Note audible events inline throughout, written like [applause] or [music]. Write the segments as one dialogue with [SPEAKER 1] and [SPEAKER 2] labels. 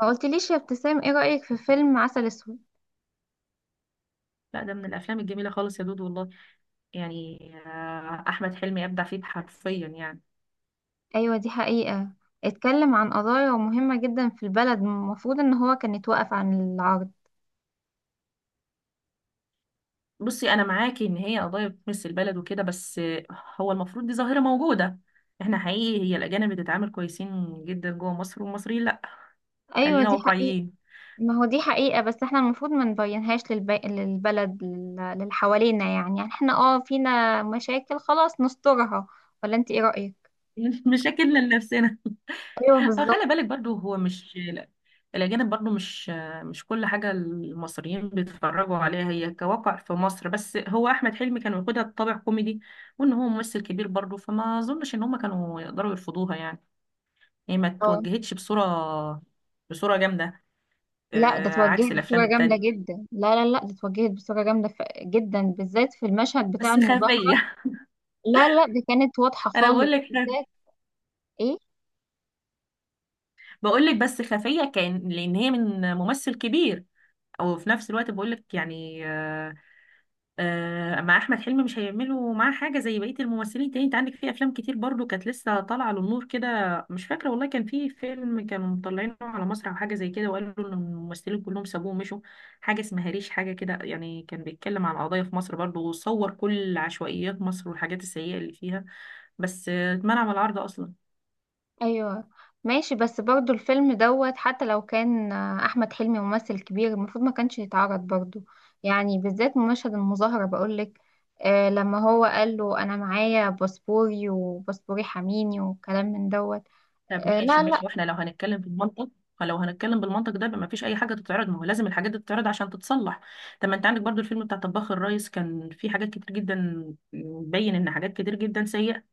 [SPEAKER 1] ما قلتليش يا ابتسام، ايه رأيك في فيلم عسل اسود؟
[SPEAKER 2] لا ده من الافلام الجميله خالص يا دود، والله يعني. احمد حلمي ابدع فيه حرفيا يعني.
[SPEAKER 1] ايوه دي حقيقة. اتكلم عن قضايا مهمة جدا في البلد. المفروض ان هو كان يتوقف عن العرض.
[SPEAKER 2] بصي، انا معاكي ان هي قضايا بتمس البلد وكده، بس هو المفروض دي ظاهره موجوده. احنا حقيقي هي الاجانب بتتعامل كويسين جدا جوه مصر، والمصريين لا.
[SPEAKER 1] ايوه
[SPEAKER 2] خلينا
[SPEAKER 1] دي حقيقة.
[SPEAKER 2] واقعيين.
[SPEAKER 1] ما هو دي حقيقة، بس احنا المفروض ما نبينهاش للبلد، للي حوالينا. يعني احنا فينا مشاكل، خلاص نسترها. ولا انت، ايه رأيك؟
[SPEAKER 2] [laughs] مشاكلنا لنفسنا.
[SPEAKER 1] ايوه
[SPEAKER 2] اه،
[SPEAKER 1] بالظبط.
[SPEAKER 2] خلي بالك برضو، هو مش، لا، الأجانب برضو مش كل حاجة المصريين بيتفرجوا عليها هي كواقع في مصر. بس هو أحمد حلمي كان واخدها بطابع كوميدي، وإن هو ممثل كبير برضو، فما أظنش إن هما كانوا يقدروا يرفضوها يعني. هي ما
[SPEAKER 1] اه،
[SPEAKER 2] توجهتش بصورة جامدة.
[SPEAKER 1] لا، ده اتوجهت
[SPEAKER 2] عكس الأفلام
[SPEAKER 1] بصورة جامدة
[SPEAKER 2] التانية.
[SPEAKER 1] جدا. لا لا لا، ده اتوجهت بصورة جامدة جدا، بالذات في المشهد بتاع
[SPEAKER 2] بس
[SPEAKER 1] المظاهرة.
[SPEAKER 2] خفية.
[SPEAKER 1] لا لا، ده كانت واضحة
[SPEAKER 2] [laughs] أنا
[SPEAKER 1] خالص
[SPEAKER 2] بقول لك
[SPEAKER 1] بالذات. ايه؟
[SPEAKER 2] بقول لك بس خفية، كان لأن هي من ممثل كبير. أو في نفس الوقت بقول لك يعني، مع احمد حلمي مش هيعملوا معاه حاجه زي بقيه الممثلين تاني. انت عندك في افلام كتير برضو كانت لسه طالعه للنور كده. مش فاكره والله، كان في فيلم كانوا مطلعينه على مسرح او حاجه زي كده، وقالوا ان الممثلين كلهم سابوه ومشوا. حاجه اسمها ريش، حاجه كده يعني، كان بيتكلم عن قضايا في مصر برضو، وصور كل عشوائيات مصر والحاجات السيئه اللي فيها. بس اتمنع من العرض اصلا.
[SPEAKER 1] ايوه ماشي. بس برضو الفيلم دوت، حتى لو كان احمد حلمي ممثل كبير، المفروض ما كانش يتعرض برضو. يعني بالذات مشهد المظاهرة بقولك. لما هو قال له انا معايا باسبوري وباسبوري حميني، وكلام من دوت.
[SPEAKER 2] طب
[SPEAKER 1] آه، لا
[SPEAKER 2] ماشي
[SPEAKER 1] لا.
[SPEAKER 2] ماشي، واحنا لو هنتكلم بالمنطق، فلو هنتكلم بالمنطق ده ما فيش اي حاجه تتعرض. ما هو لازم الحاجات دي تتعرض عشان تتصلح. طب ما انت عندك برضو الفيلم بتاع طباخ الريس، كان فيه حاجات كتير جدا، بين ان حاجات كتير جدا سيئه،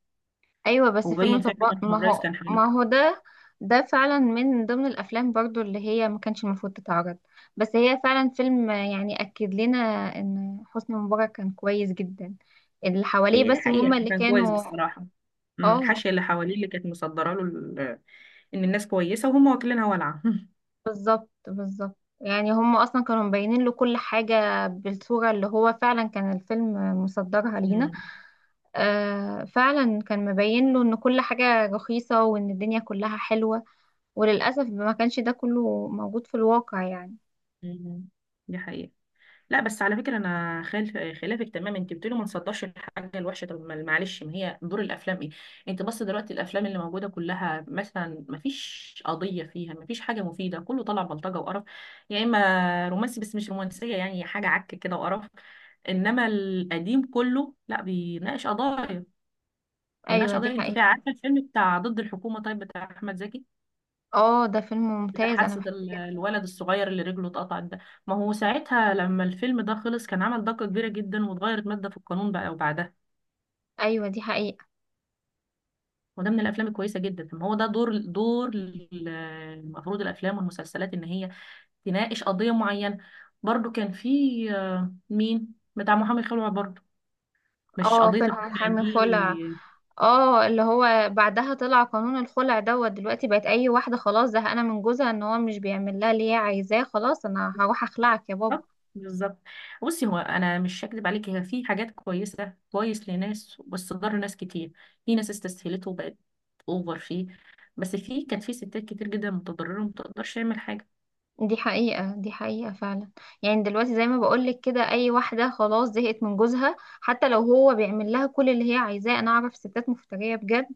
[SPEAKER 1] ايوه، بس فيلم
[SPEAKER 2] وبين فعلا
[SPEAKER 1] طباخ،
[SPEAKER 2] ان
[SPEAKER 1] ما
[SPEAKER 2] الريس
[SPEAKER 1] هو
[SPEAKER 2] كان حلو.
[SPEAKER 1] ما هو ده. ده فعلا من ضمن الافلام برضو اللي هي ما كانش المفروض تتعرض. بس هي فعلا فيلم يعني اكد لنا ان حسني مبارك كان كويس جدا. اللي حواليه
[SPEAKER 2] هي دي
[SPEAKER 1] بس
[SPEAKER 2] حقيقه،
[SPEAKER 1] هما اللي
[SPEAKER 2] كان كويس
[SPEAKER 1] كانوا.
[SPEAKER 2] بصراحه.
[SPEAKER 1] اه،
[SPEAKER 2] الحاشيه اللي حواليه اللي كانت مصدره له ان الناس كويسه، وهم واكلينها ولعه. [laughs]
[SPEAKER 1] بالظبط بالظبط. يعني هما اصلا كانوا مبينين له كل حاجة بالصورة اللي هو فعلا كان الفيلم مصدرها لينا.
[SPEAKER 2] أمم،
[SPEAKER 1] فعلا كان مبين له ان كل حاجة رخيصة، وان الدنيا كلها حلوة. وللأسف ما كانش ده كله موجود في الواقع يعني.
[SPEAKER 2] أمم، دي حقيقه. لا بس على فكره انا خالف خلافك تمام. انت بتقولي ما نصدرش الحاجه الوحشه، طب معلش، ما هي دور الافلام ايه؟ انت بص، دلوقتي الافلام اللي موجوده كلها، مثلا ما فيش قضيه فيها، ما فيش حاجه مفيده، كله طالع بلطجه وقرف، يا اما رومانسي، بس مش رومانسيه يعني، حاجه عك كده وقرف. انما القديم كله لا، بيناقش قضايا. بيناقش
[SPEAKER 1] أيوة دي
[SPEAKER 2] قضايا. انت
[SPEAKER 1] حقيقة.
[SPEAKER 2] عارفه الفيلم بتاع ضد الحكومه، طيب، بتاع احمد زكي،
[SPEAKER 1] اه، ده فيلم ممتاز، أنا
[SPEAKER 2] بتحسد
[SPEAKER 1] بحبه جدا.
[SPEAKER 2] الولد الصغير اللي رجله اتقطعت ده. ما هو ساعتها لما الفيلم ده خلص، كان عمل ضجة كبيرة جدا، واتغيرت مادة في القانون بقى وبعدها.
[SPEAKER 1] أيوة دي حقيقة.
[SPEAKER 2] وده من الافلام الكويسة جدا. ما هو ده دور المفروض الافلام والمسلسلات ان هي تناقش قضية معينة. برضو كان في مين بتاع محامي خلع برضو، مش
[SPEAKER 1] اه،
[SPEAKER 2] قضية
[SPEAKER 1] فيلم عن
[SPEAKER 2] الخلع
[SPEAKER 1] حرم الخلع.
[SPEAKER 2] دي؟
[SPEAKER 1] اه، اللي هو بعدها طلع قانون الخلع دوت. دلوقتي بقت أي واحدة خلاص زهقانة من جوزها، إن هو مش بيعمل لها اللي هي عايزاه. خلاص أنا هروح أخلعك يا بابا.
[SPEAKER 2] بالظبط، بالظبط. بصي، هو انا مش هكدب عليك، هي في حاجات كويسه، كويس لناس بس ضر ناس كتير. في ناس استسهلته وبقت اوفر فيه. بس في كان في ستات كتير جدا متضرره، وما تقدرش تعمل حاجه.
[SPEAKER 1] دي حقيقة، دي حقيقة فعلا. يعني دلوقتي زي ما بقولك كده، أي واحدة خلاص زهقت من جوزها حتى لو هو بيعمل لها كل اللي هي عايزاه. أنا أعرف ستات مفترية بجد،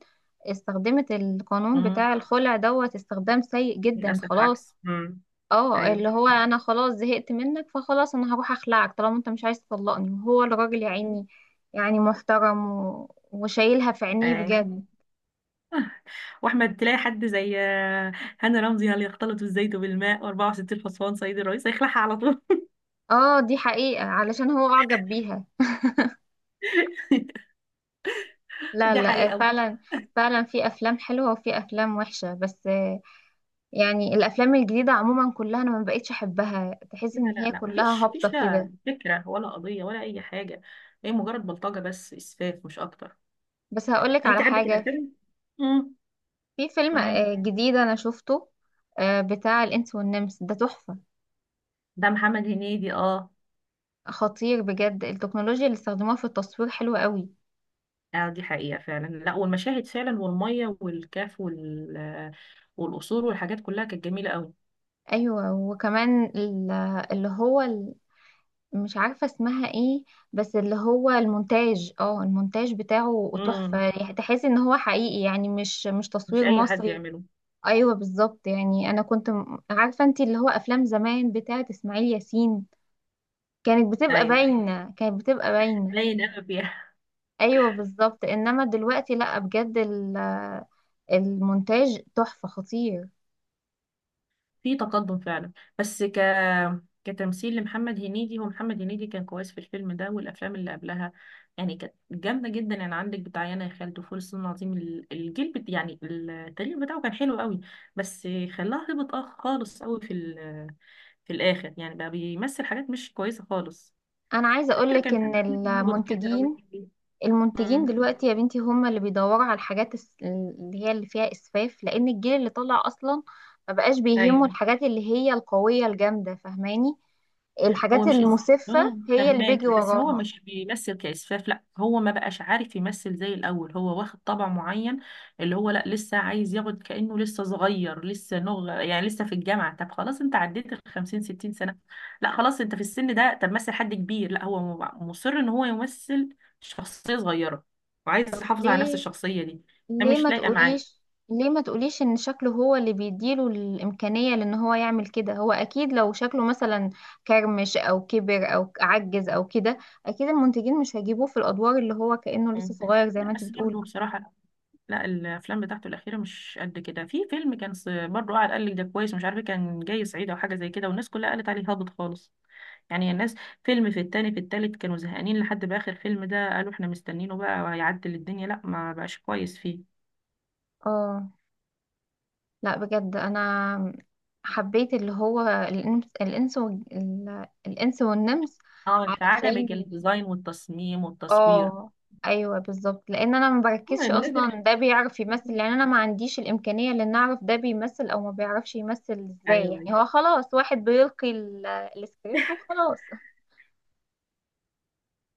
[SPEAKER 1] استخدمت القانون
[SPEAKER 2] امم.
[SPEAKER 1] بتاع الخلع دوت استخدام سيء جدا،
[SPEAKER 2] للاسف
[SPEAKER 1] خلاص.
[SPEAKER 2] عكس.
[SPEAKER 1] اه،
[SPEAKER 2] ايوه.
[SPEAKER 1] اللي هو أنا خلاص زهقت منك، فخلاص أنا هروح أخلعك، طالما أنت مش عايز تطلقني. وهو الراجل يا عيني، يعني محترم وشايلها في عينيه
[SPEAKER 2] ايوه.
[SPEAKER 1] بجد.
[SPEAKER 2] واحمد تلاقي حد زي هاني رمزي، هل يختلط الزيت بالماء، و64 حصان سيد الرئيس، هيخلعها على طول.
[SPEAKER 1] اه، دي حقيقة. علشان هو أعجب بيها.
[SPEAKER 2] [laughs]
[SPEAKER 1] لا
[SPEAKER 2] دي
[SPEAKER 1] لا،
[SPEAKER 2] حقيقه.
[SPEAKER 1] فعلا. فعلا في افلام حلوه وفي افلام وحشه، بس يعني الافلام الجديده عموما كلها انا ما بقتش احبها. تحس
[SPEAKER 2] لا
[SPEAKER 1] ان
[SPEAKER 2] لا
[SPEAKER 1] هي
[SPEAKER 2] لا،
[SPEAKER 1] كلها
[SPEAKER 2] مفيش
[SPEAKER 1] هابطه
[SPEAKER 2] فيش
[SPEAKER 1] كده.
[SPEAKER 2] لا فكرة ولا قضية ولا أي حاجة. هي مجرد بلطجة بس، إسفاف مش أكتر.
[SPEAKER 1] بس هقولك
[SPEAKER 2] يعني
[SPEAKER 1] على
[SPEAKER 2] أنت عندك
[SPEAKER 1] حاجه.
[SPEAKER 2] الأفلام. امم
[SPEAKER 1] في فيلم
[SPEAKER 2] معاك.
[SPEAKER 1] جديد انا شفته. بتاع الانس والنمس ده تحفه.
[SPEAKER 2] ده محمد هنيدي، اه.
[SPEAKER 1] خطير بجد. التكنولوجيا اللي استخدموها في التصوير حلوه قوي.
[SPEAKER 2] اه، دي حقيقة فعلا. لا والمشاهد فعلا، والمية والكاف وال والقصور والحاجات كلها كانت جميلة قوي.
[SPEAKER 1] ايوه، وكمان اللي هو مش عارفة اسمها ايه. بس اللي هو المونتاج، المونتاج بتاعه
[SPEAKER 2] امم.
[SPEAKER 1] تحفة. يعني تحس ان هو حقيقي، يعني مش
[SPEAKER 2] مش
[SPEAKER 1] تصوير
[SPEAKER 2] أي حد
[SPEAKER 1] مصري.
[SPEAKER 2] يعمله.
[SPEAKER 1] ايوه بالظبط. يعني انا كنت عارفة، انت اللي هو افلام زمان بتاعة اسماعيل ياسين كانت بتبقى
[SPEAKER 2] أيوه.
[SPEAKER 1] باينة، كانت بتبقى باينة.
[SPEAKER 2] باين قوي. [laughs]
[SPEAKER 1] ايوه بالظبط. انما دلوقتي لا، بجد المونتاج تحفة خطير.
[SPEAKER 2] في تقدم فعلا. بس كتمثيل لمحمد هنيدي، هو محمد هنيدي كان كويس في الفيلم ده والافلام اللي قبلها. يعني كانت جامده جدا. يعني عندك بتاع يانا يا خالد، وفول الصين العظيم، الجيل يعني التاريخ بتاعه كان حلو قوي. بس خلاها هبط، اه خالص قوي في في الاخر يعني، بقى بيمثل حاجات مش كويسه خالص.
[SPEAKER 1] انا عايزة
[SPEAKER 2] فاكره
[SPEAKER 1] اقولك
[SPEAKER 2] كان
[SPEAKER 1] ان
[SPEAKER 2] في فيلم هبط كده قوي.
[SPEAKER 1] المنتجين، المنتجين
[SPEAKER 2] امم.
[SPEAKER 1] دلوقتي يا بنتي هم اللي بيدوروا على الحاجات اللي هي اللي فيها اسفاف، لان الجيل اللي طالع اصلا ما بقاش بيهمه
[SPEAKER 2] ايوه.
[SPEAKER 1] الحاجات اللي هي القوية الجامدة، فاهماني؟
[SPEAKER 2] هو
[SPEAKER 1] الحاجات
[SPEAKER 2] مش اس...
[SPEAKER 1] المسفة
[SPEAKER 2] اه
[SPEAKER 1] هي اللي بيجي
[SPEAKER 2] فهماكي، بس هو
[SPEAKER 1] وراها.
[SPEAKER 2] مش بيمثل كإسفاف، لا هو ما بقاش عارف يمثل زي الأول. هو واخد طبع معين، اللي هو لا، لسه عايز ياخد كأنه لسه صغير، لسه يعني لسه في الجامعة. طب خلاص، انت عديت ال 50 60 سنة، لا خلاص انت في السن ده، طب مثل حد كبير. لا هو مصر ان هو يمثل شخصية صغيرة، وعايز
[SPEAKER 1] طب
[SPEAKER 2] يحافظ على نفس
[SPEAKER 1] ليه؟
[SPEAKER 2] الشخصية دي، ده
[SPEAKER 1] ليه
[SPEAKER 2] مش
[SPEAKER 1] ما
[SPEAKER 2] لايقة معاه.
[SPEAKER 1] تقوليش، ليه ما تقوليش ان شكله هو اللي بيديله الامكانية لان هو يعمل كده. هو اكيد لو شكله مثلا كرمش او كبر او عجز او كده، اكيد المنتجين مش هيجيبوه في الادوار اللي هو كأنه لسه
[SPEAKER 2] مم.
[SPEAKER 1] صغير زي ما
[SPEAKER 2] لا
[SPEAKER 1] انت
[SPEAKER 2] بس برضه
[SPEAKER 1] بتقولي.
[SPEAKER 2] بصراحة، لا الافلام بتاعته الاخيره مش قد كده. في فيلم كان برضه قاعد قال لك ده كويس، مش عارفه كان جاي صعيدي او حاجه زي كده، والناس كلها قالت عليه هابط خالص. يعني الناس فيلم في التاني في التالت كانوا زهقانين، لحد باخر فيلم ده قالوا احنا مستنينه بقى هيعدل الدنيا، لا ما بقاش كويس فيه.
[SPEAKER 1] اه، لا بجد انا حبيت اللي هو الانس والنمس.
[SPEAKER 2] اه، انت
[SPEAKER 1] علشان
[SPEAKER 2] عجبك الديزاين والتصميم والتصوير.
[SPEAKER 1] اه، ايوه بالظبط. لان انا ما
[SPEAKER 2] اه
[SPEAKER 1] بركزش
[SPEAKER 2] بالنسبه لك.
[SPEAKER 1] اصلا ده بيعرف يمثل، لان انا ما عنديش الامكانيه لان اعرف ده بيمثل او ما بيعرفش يمثل ازاي.
[SPEAKER 2] ايوه.
[SPEAKER 1] يعني هو خلاص واحد بيلقي السكريبت وخلاص.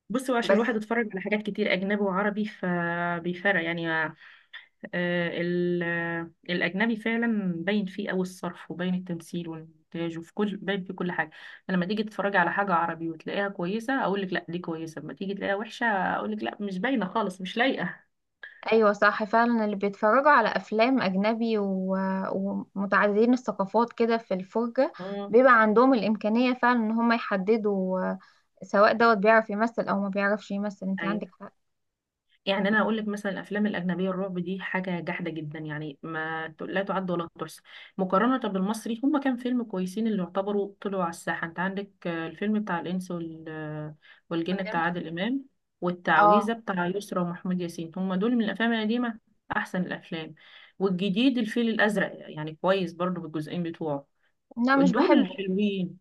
[SPEAKER 2] بصوا عشان
[SPEAKER 1] بس
[SPEAKER 2] الواحد اتفرج على حاجات كتير اجنبي وعربي، فبيفرق يعني. الأجنبي فعلا باين فيه أوي الصرف، وباين التمثيل والإنتاج، وفي كل باين في كل حاجة. فلما تيجي تتفرجي على حاجة عربي وتلاقيها كويسة، أقول لك لا دي كويسة. لما تيجي تلاقيها وحشة، أقول لك لا مش باينة خالص، مش لايقة.
[SPEAKER 1] ايوه صح فعلا. اللي بيتفرجوا على افلام اجنبي ومتعددين الثقافات كده في الفرجه،
[SPEAKER 2] مم.
[SPEAKER 1] بيبقى عندهم الامكانيه فعلا ان هم يحددوا سواء دوت بيعرف يمثل او ما بيعرفش يمثل. انت
[SPEAKER 2] أيوة.
[SPEAKER 1] عندك حق.
[SPEAKER 2] يعني انا اقول لك مثلا الافلام الاجنبيه الرعب دي حاجه جحده جدا، يعني ما ت- لا تعد ولا تحصى، مقارنه بالمصري. هما كام فيلم كويسين اللي يعتبروا طلعوا على الساحه؟ انت عندك الفيلم بتاع الانس والجن بتاع
[SPEAKER 1] والنمس-
[SPEAKER 2] عادل امام، والتعويذه
[SPEAKER 1] اه،
[SPEAKER 2] بتاع يسرا ومحمود ياسين، هما دول من الافلام القديمه، احسن الافلام. والجديد الفيل الازرق يعني كويس برضو بالجزئين بتوعه،
[SPEAKER 1] لا مش
[SPEAKER 2] دول
[SPEAKER 1] بحب.
[SPEAKER 2] حلوين.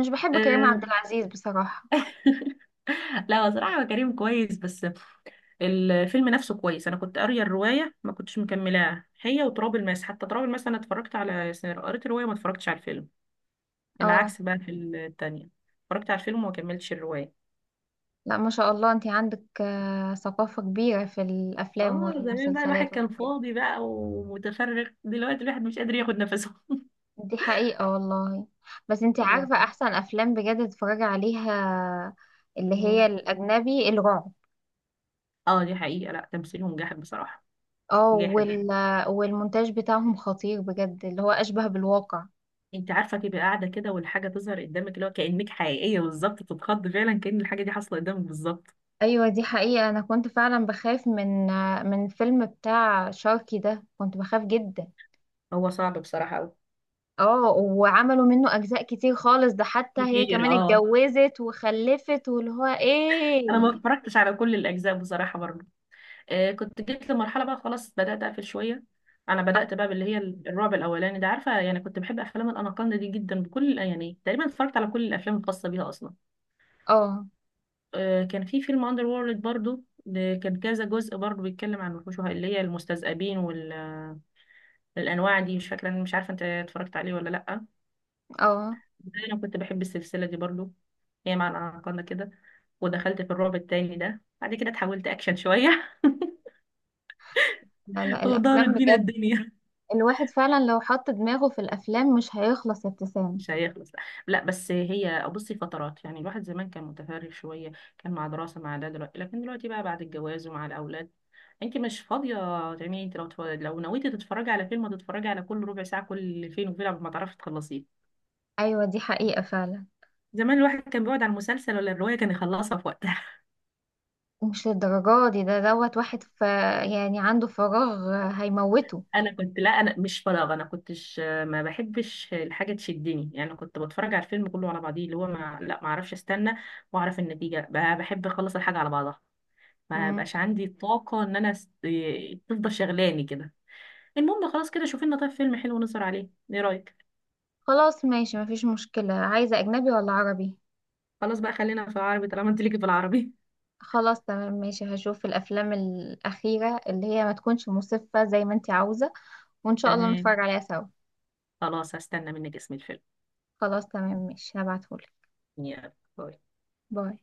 [SPEAKER 1] مش بحب كريم عبد
[SPEAKER 2] آه،
[SPEAKER 1] العزيز بصراحه.
[SPEAKER 2] [laughs] لا، هو صراحة هو كريم كويس، بس الفيلم نفسه كويس. انا كنت قاريه الروايه، ما كنتش مكملاها، هي وتراب الماس. حتى تراب الماس انا اتفرجت على، قريت الروايه، ما اتفرجتش على الفيلم.
[SPEAKER 1] اه،
[SPEAKER 2] العكس بقى في التانية، اتفرجت على الفيلم وما كملتش الروايه.
[SPEAKER 1] لا، ما شاء الله، انت عندك ثقافه كبيره في الافلام
[SPEAKER 2] اه زمان بقى الواحد
[SPEAKER 1] والمسلسلات
[SPEAKER 2] كان
[SPEAKER 1] والحاجات.
[SPEAKER 2] فاضي بقى ومتفرغ، دلوقتي الواحد مش قادر ياخد نفسه. [laughs]
[SPEAKER 1] دي حقيقة والله. بس انت
[SPEAKER 2] يلا
[SPEAKER 1] عارفة
[SPEAKER 2] ربنا.
[SPEAKER 1] احسن افلام بجد اتفرج عليها اللي هي
[SPEAKER 2] مم.
[SPEAKER 1] الاجنبي الرعب.
[SPEAKER 2] اه دي حقيقه، لا تمثيلهم جاحد بصراحه،
[SPEAKER 1] اه،
[SPEAKER 2] جاحد.
[SPEAKER 1] والمونتاج بتاعهم خطير بجد، اللي هو اشبه بالواقع.
[SPEAKER 2] انت عارفه تبقى قاعده كده والحاجه تظهر قدامك اللي هو كانك حقيقيه بالظبط، بتتخض فعلا كأن الحاجه دي حاصله قدامك بالظبط.
[SPEAKER 1] ايوه دي حقيقة. انا كنت فعلا بخاف من فيلم بتاع شاركي ده، كنت بخاف جدا.
[SPEAKER 2] هو صعب بصراحه قوي.
[SPEAKER 1] اه، وعملوا منه اجزاء كتير خالص، ده حتى هي
[SPEAKER 2] كتير
[SPEAKER 1] كمان
[SPEAKER 2] اه.
[SPEAKER 1] اتجوزت وخلفت واللي هو
[SPEAKER 2] انا ما
[SPEAKER 1] ايه.
[SPEAKER 2] اتفرجتش على كل الاجزاء بصراحه برضه. آه كنت جيت لمرحله بقى خلاص بدات اقفل شويه. انا
[SPEAKER 1] اه
[SPEAKER 2] بدات بقى باللي هي الرعب الاولاني ده، عارفه يعني كنت بحب افلام الاناكوندا دي جدا، بكل يعني تقريبا اتفرجت على كل الافلام الخاصه بيها اصلا.
[SPEAKER 1] اه
[SPEAKER 2] آه كان في فيلم اندر وورلد برضه، ده كان كذا جزء برضه، بيتكلم عن الوحوش اللي هي المستذئبين والانواع دي. مش فاكره، مش عارفه انت اتفرجت عليه ولا لا.
[SPEAKER 1] اه،
[SPEAKER 2] انا كنت بحب السلسله دي برضه، هي مع الاناكوندا كده. ودخلت في الرعب التاني ده بعد كده اتحولت اكشن شويه. [laughs]
[SPEAKER 1] لا لا،
[SPEAKER 2] ودار
[SPEAKER 1] الافلام
[SPEAKER 2] الدين
[SPEAKER 1] بجد
[SPEAKER 2] الدنيا.
[SPEAKER 1] الواحد فعلا لو حط دماغه في الافلام مش هيخلص يا
[SPEAKER 2] [laughs]
[SPEAKER 1] ابتسام.
[SPEAKER 2] مش هيخلص لا. لا، بس هي بصي فترات يعني، الواحد زمان كان متفرغ شويه، كان مع دراسه مع ده. دلوقتي لكن دلوقتي بقى بعد الجواز ومع الاولاد، انت مش فاضيه تعملي. انت لو لو نويتي تتفرجي على فيلم، هتتفرجي على كل ربع ساعه، كل فين وفين قبل ما تعرفي تخلصيه.
[SPEAKER 1] ايوه دي حقيقة فعلا.
[SPEAKER 2] زمان الواحد كان بيقعد على المسلسل ولا الروايه كان يخلصها في وقتها. [laughs]
[SPEAKER 1] مش للدرجة دي. ده دوت واحد يعني عنده فراغ، هيموته.
[SPEAKER 2] انا كنت لا، انا مش فراغ انا كنتش، ما بحبش الحاجه تشدني يعني، كنت بتفرج على الفيلم كله على بعضيه، اللي هو ما، لا، ما اعرفش استنى واعرف النتيجه، بحب اخلص الحاجه على بعضها. ما
[SPEAKER 1] مم.
[SPEAKER 2] بقاش عندي الطاقة ان انا تفضل شغلاني كده. المهم خلاص كده، شوفي لنا طيب فيلم حلو نسهر عليه، ايه رأيك؟
[SPEAKER 1] خلاص ماشي، مفيش مشكلة. عايزة أجنبي ولا عربي؟
[SPEAKER 2] خلاص بقى خلينا في العربي طالما انت ليكي في العربي.
[SPEAKER 1] خلاص تمام ماشي، هشوف الأفلام الأخيرة اللي هي ما تكونش مسفة زي ما انتي عاوزة،
[SPEAKER 2] [laughs]
[SPEAKER 1] وإن شاء الله
[SPEAKER 2] تمام.
[SPEAKER 1] نتفرج عليها سوا.
[SPEAKER 2] خلاص هستنى منك اسم الفيلم.
[SPEAKER 1] خلاص تمام ماشي، هبعتهولك.
[SPEAKER 2] يلا باي.
[SPEAKER 1] باي.